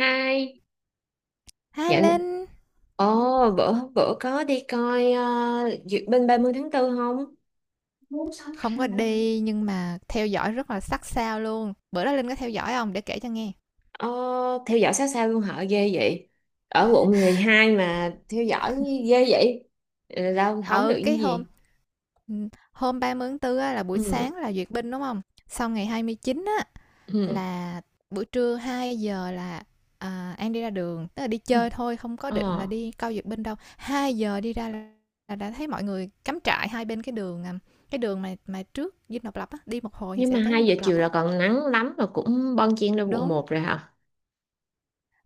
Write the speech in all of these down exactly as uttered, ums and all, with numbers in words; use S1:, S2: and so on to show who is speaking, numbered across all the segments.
S1: Hai,
S2: Hi
S1: dạ,
S2: Linh,
S1: ồ, bữa bữa có đi coi ờ, duyệt binh ba mươi tháng tư không?
S2: không có đi nhưng mà theo dõi rất là sát sao luôn. Bữa đó Linh có theo dõi không để kể cho nghe.
S1: Ờ, theo dõi sát sao luôn hả? Ghê vậy. Ở quận mười hai mà theo dõi ghê vậy. Ừ, đâu không được
S2: Ừ,
S1: cái
S2: cái hôm
S1: gì.
S2: ừ, hôm ba mươi tháng tư á, là buổi
S1: Ừ,
S2: sáng là duyệt binh đúng không? Xong ngày hai mươi chín á,
S1: ừ,
S2: là buổi trưa hai giờ là à, An đi ra đường, tức là đi
S1: ừ.
S2: chơi thôi, không có định là
S1: Ờ,
S2: đi coi duyệt binh đâu. Hai giờ đi ra là, là đã thấy mọi người cắm trại hai bên cái đường à, cái đường mà mà trước Dinh Độc Lập á, đi một hồi thì
S1: nhưng
S2: sẽ
S1: mà
S2: tới Dinh
S1: hai giờ
S2: Độc Lập
S1: chiều
S2: á.
S1: là còn nắng lắm mà cũng bon chen lên quận
S2: Đúng.
S1: một rồi hả?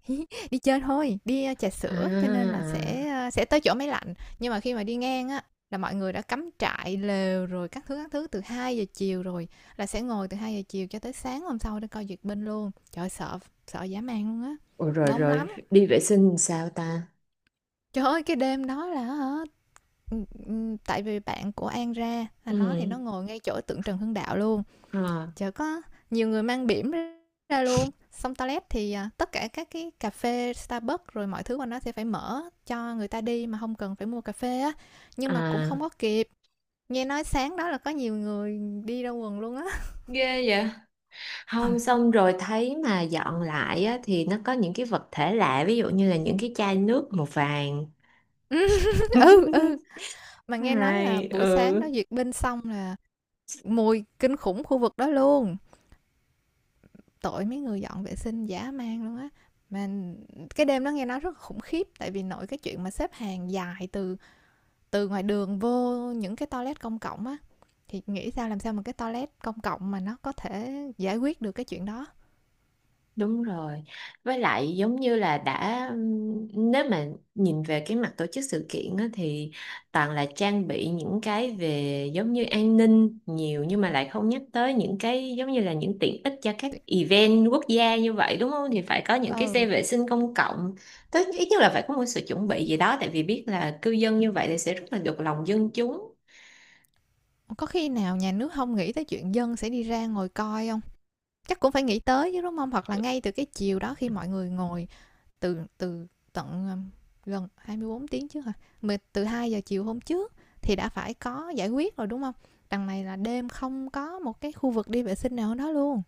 S2: Đi chơi thôi, đi, a, trà
S1: À,
S2: sữa cho nên là
S1: à.
S2: sẽ, sẽ tới chỗ máy lạnh. Nhưng mà khi mà đi ngang á, là mọi người đã cắm trại, lều rồi các thứ, các thứ từ hai giờ chiều rồi, là sẽ ngồi từ hai giờ chiều cho tới sáng hôm sau để coi duyệt binh luôn. Trời ơi, sợ sợ dã man luôn á,
S1: Ủa, rồi
S2: đông
S1: rồi,
S2: lắm.
S1: đi vệ sinh sao ta?
S2: Trời ơi, cái đêm đó là hả, tại vì bạn của An ra, là nó thì
S1: Ừ,
S2: nó ngồi ngay chỗ tượng Trần Hưng Đạo luôn,
S1: ờ,
S2: chợ có nhiều người mang bỉm ra luôn, xong toilet thì à, tất cả các cái cà phê Starbucks rồi mọi thứ của nó sẽ phải mở cho người ta đi mà không cần phải mua cà phê á, nhưng mà cũng
S1: à,
S2: không có kịp. Nghe nói sáng đó là có nhiều người đi ra quần luôn á.
S1: ghê vậy. Không xong rồi thấy mà dọn lại á, thì nó có những cái vật thể lạ ví dụ như là những cái chai nước màu vàng.
S2: Ừ, ừ, mà nghe nói là
S1: Hay
S2: buổi sáng đó
S1: ừ.
S2: duyệt binh xong là mùi kinh khủng khu vực đó luôn, tội mấy người dọn vệ sinh dã man luôn á. Mà cái đêm đó nghe nói rất khủng khiếp, tại vì nội cái chuyện mà xếp hàng dài từ từ ngoài đường vô những cái toilet công cộng á, thì nghĩ sao làm sao mà cái toilet công cộng mà nó có thể giải quyết được cái chuyện đó.
S1: Đúng rồi. Với lại giống như là đã ừm, nếu mà nhìn về cái mặt tổ chức sự kiện á, thì toàn là trang bị những cái về giống như an ninh nhiều nhưng mà lại không nhắc tới những cái giống như là những tiện ích cho các event quốc gia như vậy đúng không? Thì phải có những cái
S2: Ờ,
S1: xe vệ sinh công cộng. Tới ít nhất là phải có một sự chuẩn bị gì đó, tại vì biết là cư dân như vậy thì sẽ rất là được lòng dân chúng.
S2: có khi nào nhà nước không nghĩ tới chuyện dân sẽ đi ra ngồi coi không, chắc cũng phải nghĩ tới chứ đúng không? Hoặc là ngay từ cái chiều đó khi mọi người ngồi từ từ tận ờ, gần hai mươi bốn tiếng trước hả, mà từ hai giờ chiều hôm trước thì đã phải có giải quyết rồi đúng không? Đằng này là đêm không có một cái khu vực đi vệ sinh nào đó luôn,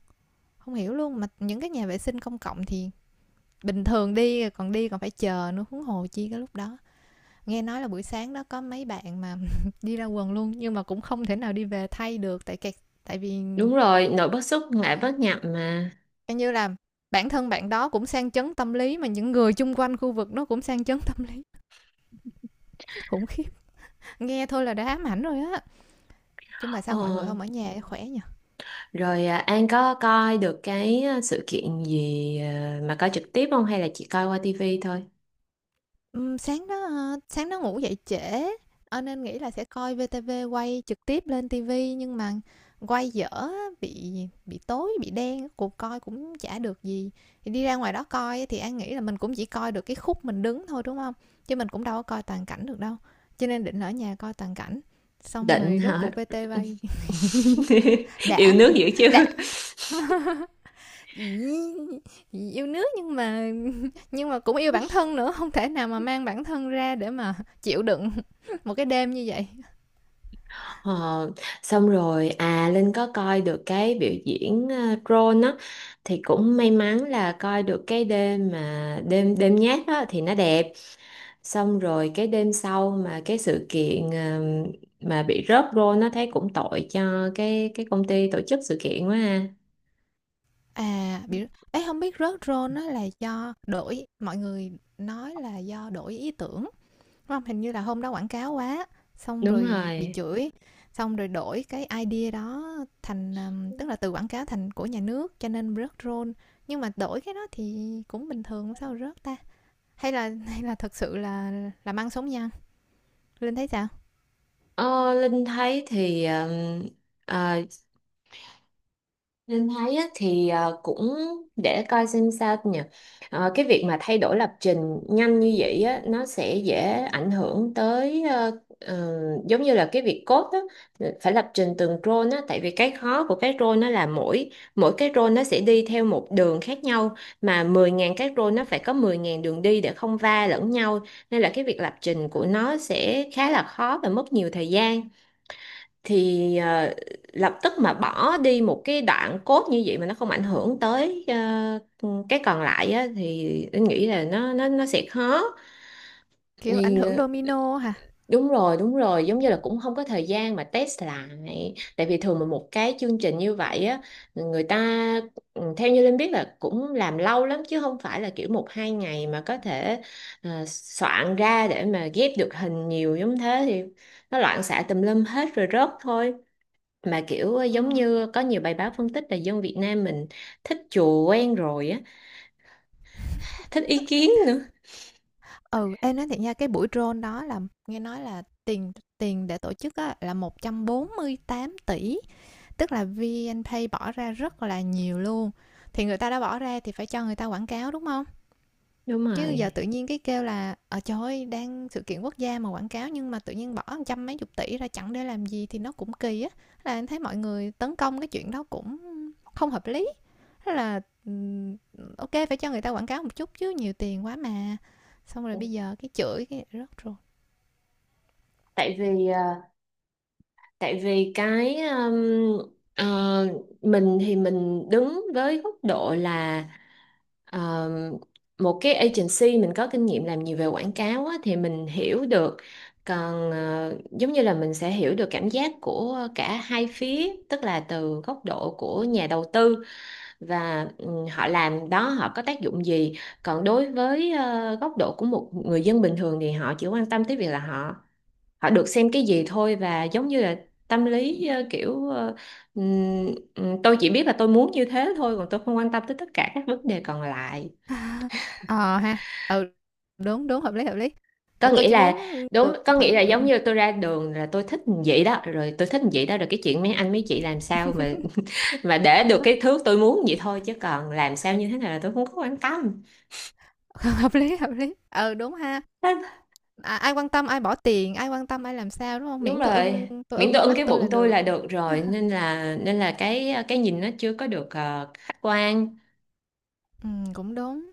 S2: không hiểu luôn, mà những cái nhà vệ sinh công cộng thì bình thường đi còn đi còn phải chờ nữa, huống hồ chi cái lúc đó. Nghe nói là buổi sáng đó có mấy bạn mà đi ra quần luôn nhưng mà cũng không thể nào đi về thay được tại kẹt, tại vì
S1: Đúng rồi, nội bất xuất ngoại
S2: ừ,
S1: bất nhập mà.
S2: coi như là bản thân bạn đó cũng sang chấn tâm lý, mà những người chung quanh khu vực nó cũng sang chấn tâm lý. Khủng khiếp, nghe thôi là đã ám ảnh rồi á. Chứ mà sao mọi
S1: Ờ,
S2: người không ở nhà khỏe nhỉ.
S1: rồi à, An có coi được cái à, sự kiện gì à, mà coi trực tiếp không hay là chỉ coi qua tivi thôi?
S2: Ừm, sáng đó, ơ, sáng đó ngủ dậy trễ, ờ, nên nghĩ là sẽ coi vê tê vê quay trực tiếp lên ti vi nhưng mà quay dở á, bị bị tối, bị đen, cuộc coi cũng chả được gì. Thì đi ra ngoài đó coi á, thì An nghĩ là mình cũng chỉ coi được cái khúc mình đứng thôi, đúng không? Chứ mình cũng đâu có coi toàn cảnh được đâu, cho nên định ở nhà coi toàn cảnh, xong
S1: Định
S2: rồi rốt
S1: hả?
S2: cuộc vi ti vi.
S1: Yêu
S2: đã,
S1: nước dữ chứ.
S2: đã, ì, yêu nước nhưng mà nhưng mà cũng yêu bản thân nữa, không thể nào mà mang bản thân ra để mà chịu đựng. Một cái đêm như vậy.
S1: Ờ, xong rồi à Linh có coi được cái biểu diễn uh, drone á, thì cũng may mắn là coi được cái đêm mà đêm đêm nhát đó thì nó đẹp. Xong rồi cái đêm sau mà cái sự kiện ờ, mà bị rớt drone nó thấy cũng tội cho cái cái công ty tổ chức sự kiện quá ha.
S2: À, bị ấy không biết rớt role á là do đổi, mọi người nói là do đổi ý tưởng, đúng không? Hình như là hôm đó quảng cáo quá, xong
S1: Đúng
S2: rồi bị
S1: rồi.
S2: chửi, xong rồi đổi cái idea đó thành, tức là từ quảng cáo thành của nhà nước cho nên rớt role. Nhưng mà đổi cái đó thì cũng bình thường, sao rớt ta? Hay là hay là thực sự là làm ăn sống nhăng? Linh thấy sao?
S1: Ờ, Linh thấy thì ờ, ờ, Linh thấy á, thì ờ, cũng để coi xem sao nhỉ. Ờ, cái việc mà thay đổi lập trình nhanh như vậy á, nó sẽ dễ ảnh hưởng tới ờ, ờ, giống như là cái việc code á, phải lập trình từng role á, tại vì cái khó của cái role nó là mỗi mỗi cái role nó sẽ đi theo một đường khác nhau, mà mười nghìn cái role nó phải có mười nghìn đường đi để không va lẫn nhau, nên là cái việc lập trình của nó sẽ khá là khó và mất nhiều thời gian. Thì ờ, lập tức mà bỏ đi một cái đoạn cốt như vậy mà nó không ảnh hưởng tới ờ, cái còn lại á, thì anh nghĩ là nó nó nó sẽ khó.
S2: Kiểu, ảnh
S1: Thì
S2: hưởng
S1: ờ,
S2: domino hả?
S1: đúng rồi đúng rồi, giống như là cũng không có thời gian mà test lại, tại vì thường mà một cái chương trình như vậy á, người ta ừ, theo như Linh biết là cũng làm lâu lắm, chứ không phải là kiểu một hai ngày mà có thể ờ, soạn ra để mà ghép được hình nhiều giống thế, thì nó loạn xạ tùm lum hết rồi rớt thôi. Mà kiểu ờ, giống
S2: Ừm.
S1: như có nhiều bài báo phân tích là dân Việt Nam mình thích chùa quen rồi á, thích ý kiến nữa.
S2: Ừ, em nói thiệt nha, cái buổi drone đó là nghe nói là tiền tiền để tổ chức á, là một trăm bốn mươi tám tỷ, tức là VNPay bỏ ra rất là nhiều luôn. Thì người ta đã bỏ ra thì phải cho người ta quảng cáo đúng không?
S1: Đúng
S2: Chứ giờ
S1: rồi.
S2: tự nhiên cái kêu là ờ trời ơi, đang sự kiện quốc gia mà quảng cáo, nhưng mà tự nhiên bỏ một trăm mấy chục tỷ ra chẳng để làm gì thì nó cũng kỳ á. Là em thấy mọi người tấn công cái chuyện đó cũng không hợp lý. Thế là ok, phải cho người ta quảng cáo một chút chứ nhiều tiền quá mà. Xong rồi bây giờ cái chửi cái rớt rồi.
S1: Tại vì ờ, tại vì cái um, ờ, mình thì mình đứng với góc độ là um, một cái agency, mình có kinh nghiệm làm nhiều về quảng cáo á, thì mình hiểu được. Còn ờ, giống như là mình sẽ hiểu được cảm giác của cả hai phía, tức là từ góc độ của nhà đầu tư và ừ, họ làm đó họ có tác dụng gì. Còn đối với ờ, góc độ của một người dân bình thường thì họ chỉ quan tâm tới việc là họ họ được xem cái gì thôi. Và giống như là tâm lý ờ, kiểu ờ, ừm, ừm, tôi chỉ biết là tôi muốn như thế thôi, còn tôi không quan tâm tới tất cả các vấn đề còn lại.
S2: Ờ ha. Ừ, đúng đúng, hợp lý hợp lý.
S1: Có
S2: Tôi
S1: nghĩa
S2: chỉ muốn
S1: là đúng,
S2: được
S1: có
S2: thoải.
S1: nghĩa là giống
S2: Ừ,
S1: như tôi ra đường là tôi thích vậy đó, rồi tôi thích vậy đó, rồi cái chuyện mấy anh mấy chị làm sao mà mà để được cái thứ tôi muốn vậy thôi, chứ còn làm sao như thế nào là tôi không có quan tâm.
S2: hợp lý hợp lý. Ừ, đúng ha. À, ai quan tâm ai bỏ tiền, ai quan tâm ai làm sao, đúng không?
S1: Đúng
S2: Miễn tôi
S1: rồi,
S2: ưng, tôi
S1: miễn
S2: ưng
S1: tôi
S2: con
S1: ưng cái
S2: mắt tôi
S1: bụng
S2: là
S1: tôi
S2: được.
S1: là được rồi, nên là nên là cái cái nhìn nó chưa có được ờ, khách quan.
S2: Ừm, cũng đúng.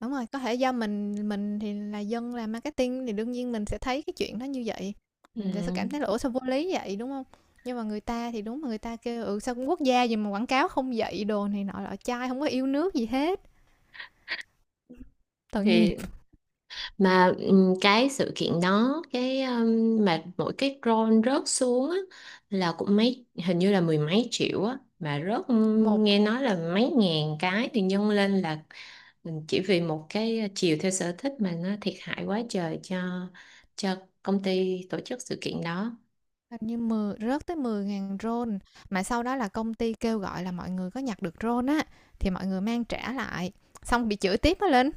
S2: Đúng rồi, có thể do mình mình thì là dân làm marketing thì đương nhiên mình sẽ thấy cái chuyện đó như vậy,
S1: Ừ.
S2: mình sẽ cảm thấy là "Ủa, sao vô lý vậy?" Đúng không? Nhưng mà người ta thì đúng, mà người ta kêu: "Ừ, sao cũng quốc gia gì mà quảng cáo không dạy" đồ này nọ lọ chai, không có yêu nước gì hết, tội nghiệp.
S1: Thì mà ừ, cái sự kiện đó cái um, mà mỗi cái drone rớt xuống á, là cũng mấy hình như là mười mấy triệu á mà rớt. Ừ,
S2: Một
S1: nghe nói là mấy ngàn cái thì nhân lên là ừm, chỉ vì một cái chiều theo sở thích mà nó thiệt hại quá trời cho cho công ty tổ chức sự kiện đó.
S2: Hình như mười rớt tới mười ngàn rôn, mà sau đó là công ty kêu gọi là mọi người có nhặt được rôn á thì mọi người mang trả lại, xong bị chửi tiếp á Linh,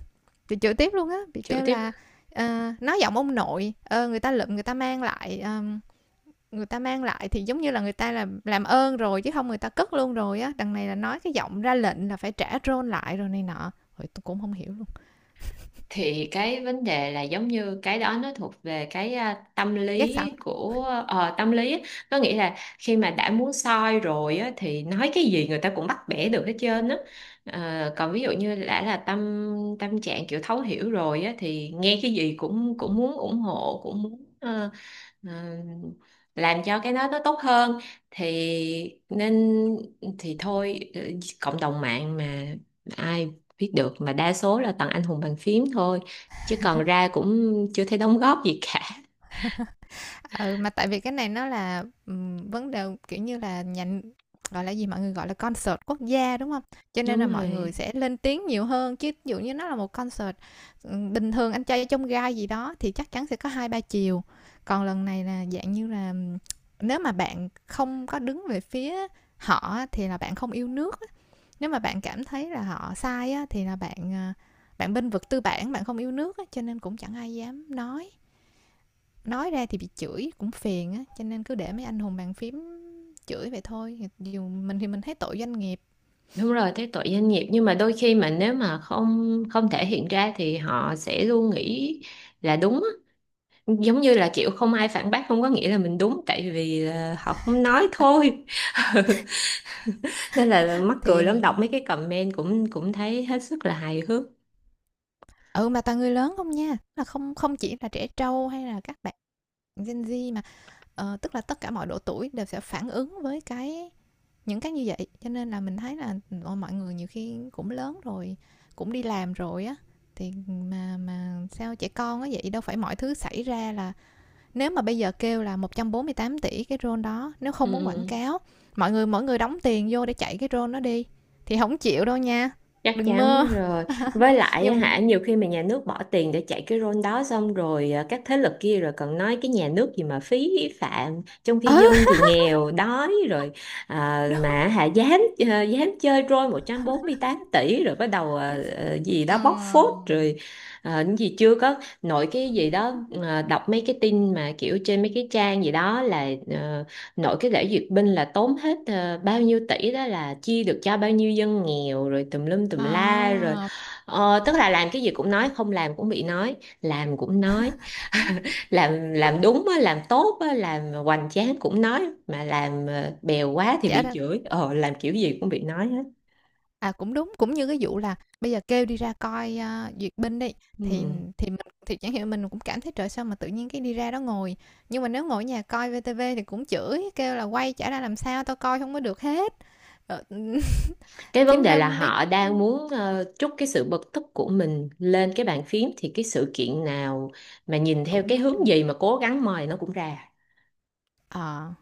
S2: bị chửi tiếp luôn á, bị
S1: Chữa
S2: kêu
S1: tiếp,
S2: là ờ, nói giọng ông nội, ờ, người ta lượm người ta mang lại ờ, người ta mang lại thì giống như là người ta là làm ơn rồi chứ không người ta cất luôn rồi á, đằng này là nói cái giọng ra lệnh là phải trả rôn lại rồi này nọ. Rồi tôi cũng không hiểu luôn.
S1: thì cái vấn đề là giống như cái đó nó thuộc về cái à, tâm
S2: Ghét sẵn.
S1: lý của ờ, tâm lý á. Nó nghĩa là khi mà đã muốn soi rồi á, thì nói cái gì người ta cũng bắt bẻ được hết trơn á. Ờ, còn ví dụ như đã là tâm tâm trạng kiểu thấu hiểu rồi á, thì nghe cái gì cũng cũng muốn ủng hộ, cũng muốn ờ, ờ, làm cho cái đó nó tốt hơn. Thì nên thì thôi ờ, cộng đồng mạng mà, ai viết được mà đa số là toàn anh hùng bàn phím thôi, chứ còn ra cũng chưa thấy đóng góp gì cả.
S2: Ừ, mà tại vì cái này nó là, ừm, vấn đề, kiểu như là, nhà gọi là gì, mọi người gọi là concert quốc gia, đúng không? Cho nên là
S1: Đúng
S2: mọi người
S1: rồi
S2: sẽ lên tiếng nhiều hơn, chứ ví dụ như nó là một concert, ừm, bình thường anh trai trong gai gì đó thì chắc chắn sẽ có hai ba chiều. Còn lần này là dạng như là, ừm, nếu mà bạn không có đứng về phía họ á thì là bạn không yêu nước á, nếu mà bạn cảm thấy là họ sai á thì là bạn, à, bạn bênh vực tư bản, bạn không yêu nước á, cho nên cũng chẳng ai dám nói nói ra thì bị chửi cũng phiền á, cho nên cứ để mấy anh hùng bàn phím chửi vậy thôi, dù mình thì mình thấy tội doanh nghiệp.
S1: đúng rồi, thấy tội doanh nghiệp nhưng mà đôi khi mà nếu mà không không thể hiện ra thì họ sẽ luôn nghĩ là đúng á. Giống như là kiểu không ai phản bác không có nghĩa là mình đúng, tại vì là họ không nói
S2: Ta-
S1: thôi. Ừ, nên là mắc
S2: thì
S1: cười lắm, đọc mấy cái comment cũng cũng thấy hết sức là hài hước.
S2: ừ, mà toàn người lớn không nha, là không không chỉ là trẻ trâu hay là các bạn Gen Z, mà ờ, tức là tất cả mọi độ tuổi đều sẽ phản ứng với cái những cái như vậy, cho nên là mình thấy là ờ, mọi người nhiều khi cũng lớn rồi, cũng đi làm rồi á, thì mà mà sao trẻ con á vậy, đâu phải mọi thứ xảy ra là nếu mà bây giờ kêu là một trăm bốn mươi tám tỷ cái drone đó nếu không muốn quảng
S1: Ừ.
S2: cáo, mọi người mỗi người đóng tiền vô để chạy cái drone nó đi thì không chịu đâu nha,
S1: Chắc
S2: đừng mơ.
S1: chắn rồi, với lại á
S2: Nhưng mà
S1: hả, nhiều khi mà nhà nước bỏ tiền để chạy cái role đó xong rồi à, các thế lực kia rồi còn nói cái nhà nước gì mà phí phạm, trong khi
S2: ừ,
S1: dân thì nghèo đói rồi à,
S2: đúng.
S1: mà hả dám à, dám chơi role một trăm bốn mươi tám tỷ rồi bắt đầu à,
S2: chính-
S1: à, gì đó bóc phốt rồi à, những gì chưa có, nội cái gì đó à, đọc mấy cái tin mà kiểu trên mấy cái trang gì đó là ờ, nội cái lễ duyệt binh là tốn hết ờ, bao nhiêu tỷ đó là chia được cho bao nhiêu dân nghèo rồi tùm lum tùm la
S2: À,
S1: rồi. Ờ, tức là làm cái gì cũng nói, không làm cũng bị nói, làm cũng nói, làm làm đúng á, làm tốt á, làm hoành tráng cũng nói, mà làm ờ, bèo quá thì
S2: chả
S1: bị
S2: ra.
S1: chửi, ờ làm kiểu gì cũng bị nói hết.
S2: À, cũng đúng, cũng như cái vụ là bây giờ kêu đi ra coi à, duyệt binh đi, thì
S1: Ừ.
S2: thì mình thì chẳng hiểu, mình cũng cảm thấy trời sao mà tự nhiên cái đi ra đó ngồi, nhưng mà nếu ngồi ở nhà coi vê tê vê thì cũng chửi kêu là quay chả ra làm sao tao coi không có được hết. Ờ,
S1: Cái vấn
S2: chính
S1: đề
S2: ra
S1: là
S2: mấy
S1: họ
S2: cái
S1: đang muốn ờ, trút cái sự bực tức của mình lên cái bàn phím, thì cái sự kiện nào mà nhìn theo
S2: cũng
S1: cái
S2: nói được.
S1: hướng gì mà cố gắng mời nó cũng ra.
S2: Ờ.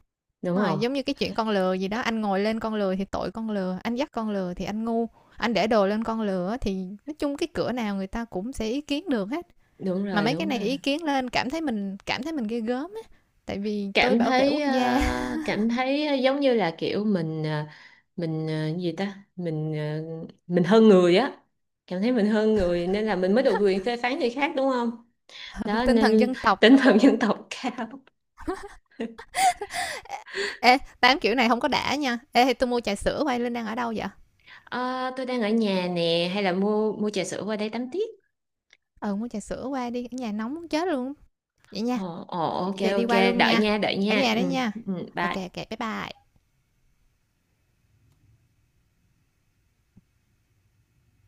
S1: Đúng
S2: Mà
S1: không?
S2: giống như cái chuyện con lừa gì đó, anh ngồi lên con lừa thì tội con lừa, anh dắt con lừa thì anh ngu, anh để đồ lên con lừa thì nói chung cái cửa nào người ta cũng sẽ ý kiến được hết.
S1: Đúng
S2: Mà
S1: rồi
S2: mấy cái
S1: đúng
S2: này
S1: rồi,
S2: ý kiến lên cảm thấy mình cảm thấy mình ghê gớm á, tại vì tôi
S1: cảm
S2: bảo vệ
S1: thấy
S2: quốc gia.
S1: ờ, cảm thấy giống như là kiểu mình ờ, mình ờ, gì ta, mình ờ, mình hơn người á, cảm thấy mình hơn người nên là mình mới được quyền phê phán người khác, đúng không? Đó
S2: Tinh thần
S1: nên
S2: dân tộc
S1: tinh thần
S2: đồ.
S1: dân tộc cao.
S2: Ê, tám kiểu này không có đã nha. Ê, thì tôi mua trà sữa quay lên đang ở đâu vậy?
S1: Ờ, tôi đang ở nhà nè, hay là mua mua trà sữa qua đây tắm tiếp.
S2: Ừ, mua trà sữa qua đi, ở nhà nóng muốn chết luôn. Vậy nha,
S1: Ồ ồ, ok
S2: vậy đi
S1: ok,
S2: qua luôn
S1: đợi
S2: nha.
S1: nha đợi
S2: Ở
S1: nha
S2: nhà
S1: ừ,
S2: đấy nha.
S1: ừ,
S2: Ok,
S1: bye.
S2: ok, bye bye.